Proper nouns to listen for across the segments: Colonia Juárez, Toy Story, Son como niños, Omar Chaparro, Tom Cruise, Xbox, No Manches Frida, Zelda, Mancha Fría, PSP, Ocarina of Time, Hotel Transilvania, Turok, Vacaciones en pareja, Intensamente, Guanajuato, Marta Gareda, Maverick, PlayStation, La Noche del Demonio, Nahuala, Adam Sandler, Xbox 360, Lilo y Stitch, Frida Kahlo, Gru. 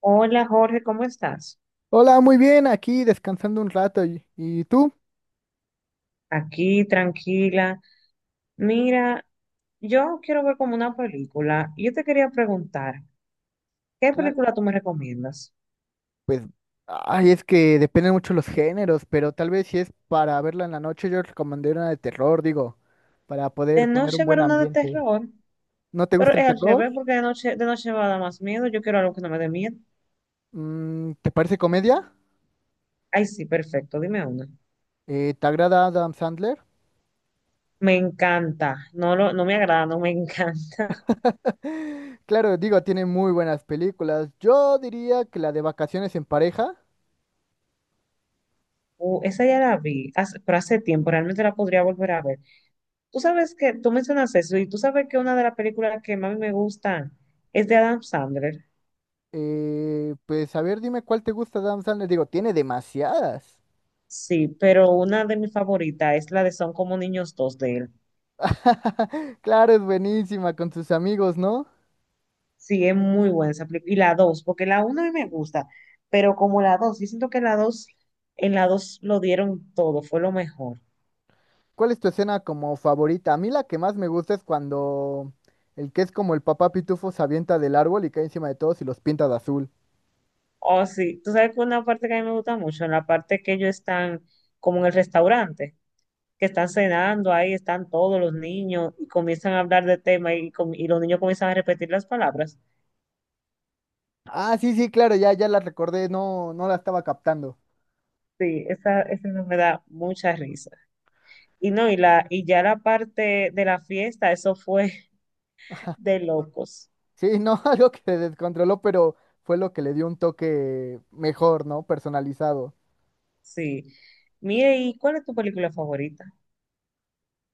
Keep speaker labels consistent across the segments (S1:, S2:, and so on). S1: Hola Jorge, ¿cómo estás?
S2: Hola, muy bien, aquí descansando un rato. ¿Y tú?
S1: Aquí, tranquila. Mira, yo quiero ver como una película. Yo te quería preguntar, ¿qué
S2: Cla-
S1: película tú me recomiendas?
S2: Pues, Ay, es que dependen mucho los géneros, pero tal vez si es para verla en la noche, yo recomendé una de terror, digo, para
S1: De
S2: poder poner un
S1: noche ver
S2: buen
S1: una de
S2: ambiente.
S1: terror,
S2: ¿No te
S1: pero
S2: gusta el
S1: es al
S2: terror?
S1: revés, porque de noche me va a dar más miedo. Yo quiero algo que no me dé miedo.
S2: Mm, ¿te parece comedia?
S1: Ay, sí, perfecto, dime una.
S2: ¿Te agrada Adam Sandler?
S1: Me encanta, no, lo, no me agrada, no me encanta.
S2: Claro, digo, tiene muy buenas películas. Yo diría que la de Vacaciones en pareja.
S1: Esa ya la vi, pero hace tiempo, realmente la podría volver a ver. Tú sabes que, tú mencionas eso, y tú sabes que una de las películas que más me gustan es de Adam Sandler.
S2: A ver, dime cuál te gusta de Adam Sandler. Digo, tiene demasiadas.
S1: Sí, pero una de mis favoritas es la de Son como niños dos de él.
S2: Claro, es buenísima con sus amigos, ¿no?
S1: Sí, es muy buena esa película. Y la dos, porque la uno a mí me gusta, pero como la dos, yo siento que la dos, en la dos lo dieron todo, fue lo mejor.
S2: ¿Cuál es tu escena como favorita? A mí la que más me gusta es cuando el que es como el papá pitufo se avienta del árbol y cae encima de todos y los pinta de azul.
S1: Oh, sí, tú sabes que una parte que a mí me gusta mucho, en la parte que ellos están como en el restaurante, que están cenando, ahí están todos los niños y comienzan a hablar de tema y los niños comienzan a repetir las palabras.
S2: Ah, sí, sí, claro, ya, ya la recordé, no la estaba captando.
S1: Sí, esa no me da mucha risa. Y no, y la, y ya la parte de la fiesta, eso fue de locos.
S2: Sí, no, algo que se descontroló, pero fue lo que le dio un toque mejor, ¿no? Personalizado.
S1: Sí. Mire, ¿y cuál es tu película favorita?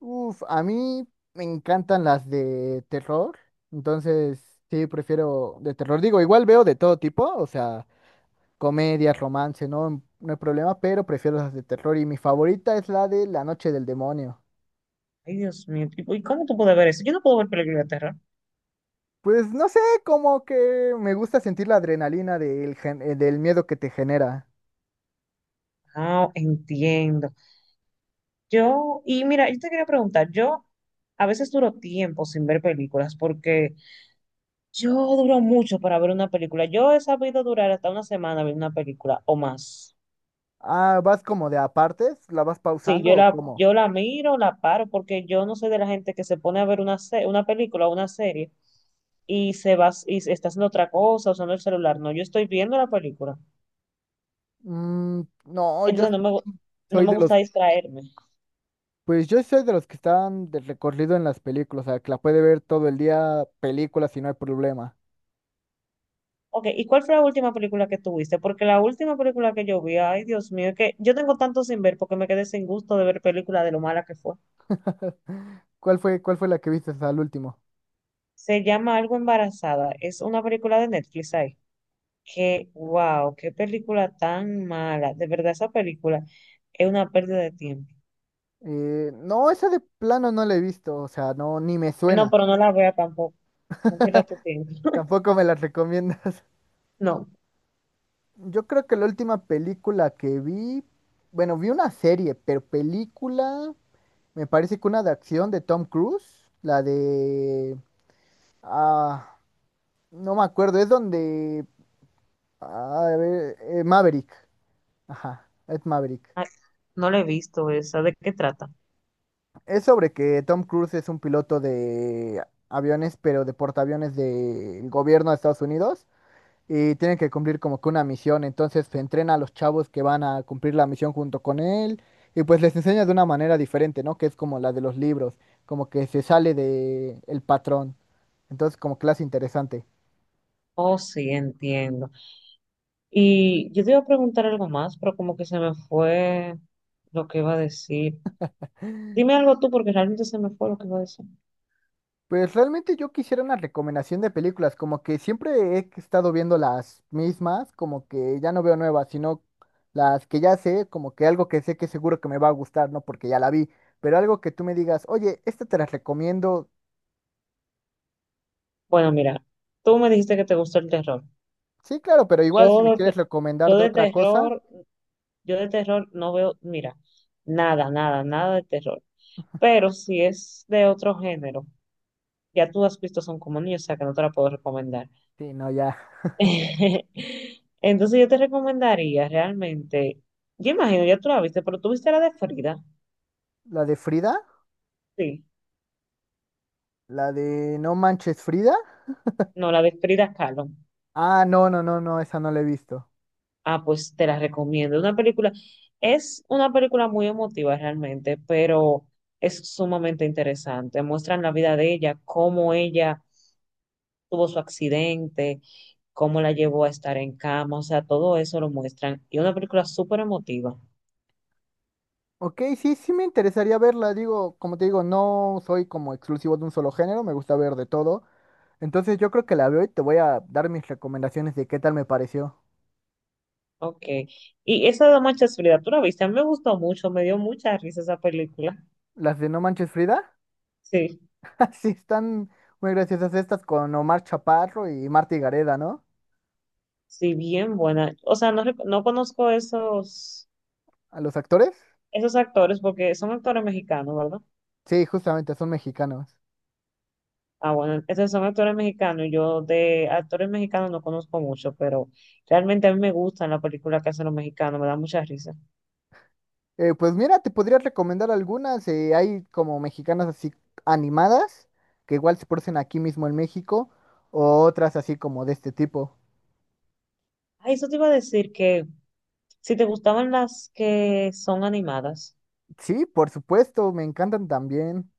S2: Uf, a mí me encantan las de terror, entonces sí, prefiero de terror. Digo, igual veo de todo tipo, o sea, comedias, romance, no, no hay problema, pero prefiero las de terror y mi favorita es la de La Noche del Demonio.
S1: Ay, Dios mío, ¿y cómo tú puedes ver eso? Yo no puedo ver películas de terror.
S2: Pues no sé, como que me gusta sentir la adrenalina del miedo que te genera.
S1: Ah, entiendo. Yo, y mira, yo te quería preguntar, yo a veces duro tiempo sin ver películas porque yo duro mucho para ver una película. Yo he sabido durar hasta una semana viendo una película o más.
S2: Ah, ¿vas como de apartes? ¿La vas
S1: Sí,
S2: pausando
S1: yo
S2: o
S1: la,
S2: cómo?
S1: yo la miro, la paro, porque yo no soy de la gente que se pone a ver una película o una serie y se va y se está haciendo otra cosa, usando el celular. No, yo estoy viendo la película.
S2: Mm, no, yo
S1: Entonces no
S2: soy
S1: me
S2: de
S1: gusta distraerme.
S2: los que están de recorrido en las películas, o sea, que la puede ver todo el día películas y no hay problema.
S1: Ok, ¿y cuál fue la última película que tuviste? Porque la última película que yo vi, ay Dios mío, es que yo tengo tanto sin ver porque me quedé sin gusto de ver películas de lo mala que fue.
S2: ¿Cuál fue la que viste al último?
S1: Se llama Algo Embarazada. Es una película de Netflix ahí. Que, wow, qué película tan mala. De verdad, esa película es una pérdida de tiempo.
S2: No, esa de plano no la he visto, o sea, no, ni me
S1: No,
S2: suena.
S1: pero no la vea tampoco. No pierdas tu tiempo.
S2: Tampoco me la recomiendas.
S1: No,
S2: Yo creo que la última película que vi, bueno, vi una serie, pero película, me parece que una de acción de Tom Cruise, la de, ah, no me acuerdo, es donde, ah, a ver, Maverick, ajá, es Maverick.
S1: ay, no la he visto esa. ¿De qué trata?
S2: Es sobre que Tom Cruise es un piloto de aviones, pero de portaaviones del gobierno de Estados Unidos, y tienen que cumplir como que una misión. Entonces se entrena a los chavos que van a cumplir la misión junto con él y pues les enseña de una manera diferente, ¿no? Que es como la de los libros, como que se sale de el patrón. Entonces como clase interesante.
S1: Oh, sí, entiendo. Y yo te iba a preguntar algo más, pero como que se me fue lo que iba a decir. Dime algo tú, porque realmente se me fue lo que iba a decir.
S2: Pues realmente yo quisiera una recomendación de películas, como que siempre he estado viendo las mismas, como que ya no veo nuevas, sino las que ya sé, como que algo que sé que seguro que me va a gustar, ¿no? Porque ya la vi, pero algo que tú me digas, oye, esta te la recomiendo.
S1: Bueno, mira, tú me dijiste que te gusta el terror.
S2: Sí, claro, pero igual si
S1: Yo,
S2: me
S1: de-
S2: quieres
S1: te-
S2: recomendar
S1: yo
S2: de
S1: de
S2: otra cosa,
S1: terror, yo de terror no veo, mira, nada, nada, nada de terror. Pero si es de otro género, ya tú has visto Son como niños, o sea que no te la puedo recomendar.
S2: sí, no, ya.
S1: Entonces yo te recomendaría realmente, yo imagino, ya tú la viste, pero tú viste la de Frida.
S2: La de Frida,
S1: Sí,
S2: la de No Manches Frida.
S1: no, la de Frida Kahlo.
S2: Ah, no, no, no, no, esa no la he visto.
S1: Ah, pues te la recomiendo. Una película, es una película muy emotiva realmente, pero es sumamente interesante. Muestran la vida de ella, cómo ella tuvo su accidente, cómo la llevó a estar en cama, o sea, todo eso lo muestran. Y una película súper emotiva.
S2: Ok, sí, sí me interesaría verla, digo, como te digo, no soy como exclusivo de un solo género, me gusta ver de todo. Entonces yo creo que la veo y te voy a dar mis recomendaciones de qué tal me pareció.
S1: Ok. Y esa de Mancha Fría, tú la viste, a mí me gustó mucho, me dio mucha risa esa película.
S2: Las de No Manches Frida,
S1: Sí,
S2: sí están muy graciosas estas con Omar Chaparro y Marta Gareda, ¿no?
S1: sí, bien buena. O sea, no, no conozco esos,
S2: A los actores.
S1: esos actores porque son actores mexicanos, ¿verdad?
S2: Sí, justamente, son mexicanos.
S1: Ah, bueno, esos son actores mexicanos. Y yo de actores mexicanos no conozco mucho, pero realmente a mí me gustan las películas que hacen los mexicanos, me da mucha risa.
S2: Pues mira, te podría recomendar algunas. Hay como mexicanas así animadas, que igual se producen aquí mismo en México, o otras así como de este tipo.
S1: Ah, eso te iba a decir, que si te gustaban las que son animadas,
S2: Sí, por supuesto, me encantan también.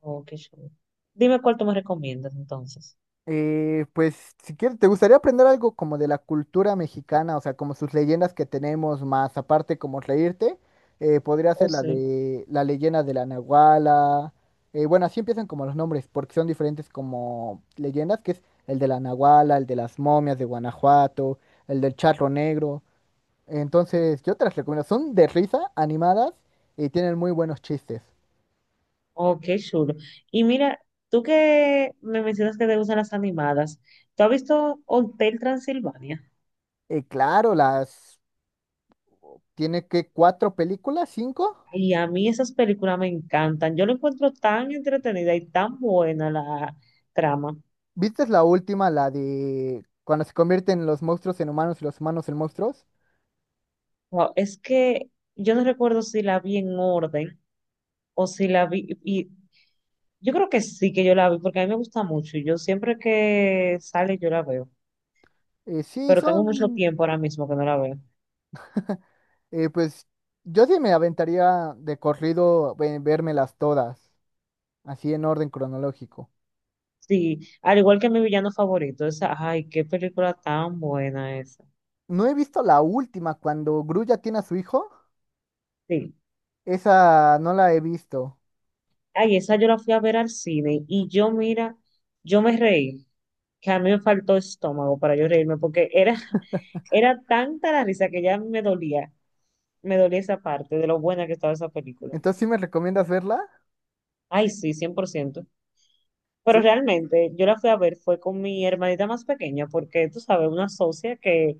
S1: oh, qué chulo. Dime cuál tú me recomiendas entonces.
S2: Pues si quieres, ¿te gustaría aprender algo como de la cultura mexicana? O sea, como sus leyendas que tenemos, más aparte como reírte, podría
S1: Oh,
S2: ser la
S1: sí.
S2: de la leyenda de la Nahuala. Bueno, así empiezan como los nombres, porque son diferentes como leyendas, que es el de la Nahuala, el de las momias de Guanajuato, el del charro negro. Entonces, yo te las recomiendo. Son de risa, animadas y tienen muy buenos chistes.
S1: Oh, qué chulo. Y mira, tú que me mencionas que te gustan las animadas, ¿tú has visto Hotel Transilvania?
S2: Claro, las tiene, que cuatro películas, cinco.
S1: Y a mí esas películas me encantan. Yo lo encuentro tan entretenida y tan buena la trama.
S2: ¿Viste la última, la de cuando se convierten los monstruos en humanos y los humanos en monstruos?
S1: Wow, es que yo no recuerdo si la vi en orden, o si la vi, y yo creo que sí que yo la vi, porque a mí me gusta mucho, y yo siempre que sale yo la veo,
S2: Eh, sí,
S1: pero tengo mucho
S2: son,
S1: tiempo ahora mismo que no la veo.
S2: pues yo sí me aventaría de corrido vérmelas todas, así en orden cronológico.
S1: Sí, al igual que mi villano favorito, esa, ay, qué película tan buena esa.
S2: No he visto la última, cuando Gru ya tiene a su hijo,
S1: Sí,
S2: esa no la he visto.
S1: ay, esa yo la fui a ver al cine, y yo, mira, yo me reí, que a mí me faltó estómago para yo reírme, porque era, era tanta la risa que ya me dolía esa parte de lo buena que estaba esa película.
S2: Entonces, ¿sí me recomiendas verla?
S1: Ay, sí, cien por ciento. Pero
S2: Sí.
S1: realmente yo la fui a ver fue con mi hermanita más pequeña, porque tú sabes, una asocia que,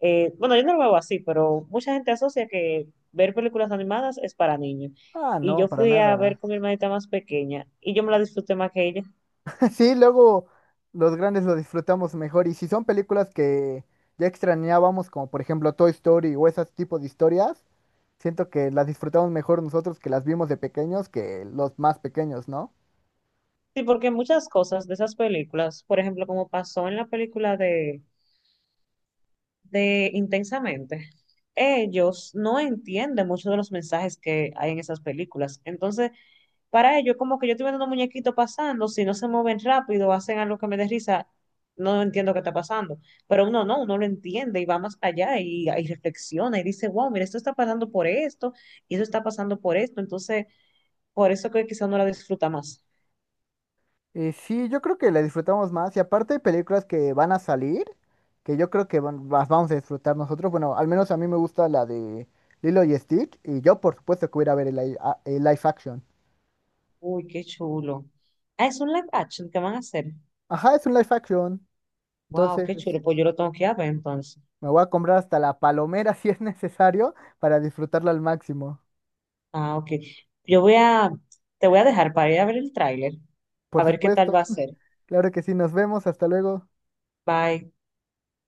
S1: bueno, yo no lo veo así, pero mucha gente asocia que ver películas animadas es para niños.
S2: Ah,
S1: Y
S2: no,
S1: yo
S2: para
S1: fui a ver
S2: nada.
S1: con mi hermanita más pequeña y yo me la disfruté más que ella.
S2: Sí, luego los grandes lo disfrutamos mejor y si son películas que ya extrañábamos, como por ejemplo Toy Story o ese tipo de historias, siento que las disfrutamos mejor nosotros que las vimos de pequeños que los más pequeños, ¿no?
S1: Sí, porque muchas cosas de esas películas, por ejemplo, como pasó en la película de Intensamente, ellos no entienden muchos de los mensajes que hay en esas películas. Entonces, para ellos, como que yo estoy viendo unos muñequitos pasando, si no se mueven rápido, hacen algo que me dé risa, no entiendo qué está pasando. Pero uno no, uno lo entiende y va más allá y reflexiona y dice, wow, mira, esto está pasando por esto y eso está pasando por esto. Entonces, por eso que quizá uno la disfruta más.
S2: Sí, yo creo que las disfrutamos más y aparte hay películas que van a salir, que yo creo las vamos a disfrutar nosotros, bueno, al menos a mí me gusta la de Lilo y Stitch y yo por supuesto que voy a ir a ver el live action.
S1: Uy, qué chulo. Ah, es un live action que van a hacer.
S2: Ajá, es un live action,
S1: Wow,
S2: entonces,
S1: qué chulo. Pues yo lo tengo que ir a ver entonces.
S2: me voy a comprar hasta la palomera si es necesario para disfrutarla al máximo.
S1: Ah, ok. Yo voy a, te voy a dejar para ir a ver el tráiler, a
S2: Por
S1: ver qué tal
S2: supuesto.
S1: va a ser.
S2: Claro que sí, nos vemos. Hasta luego.
S1: Bye.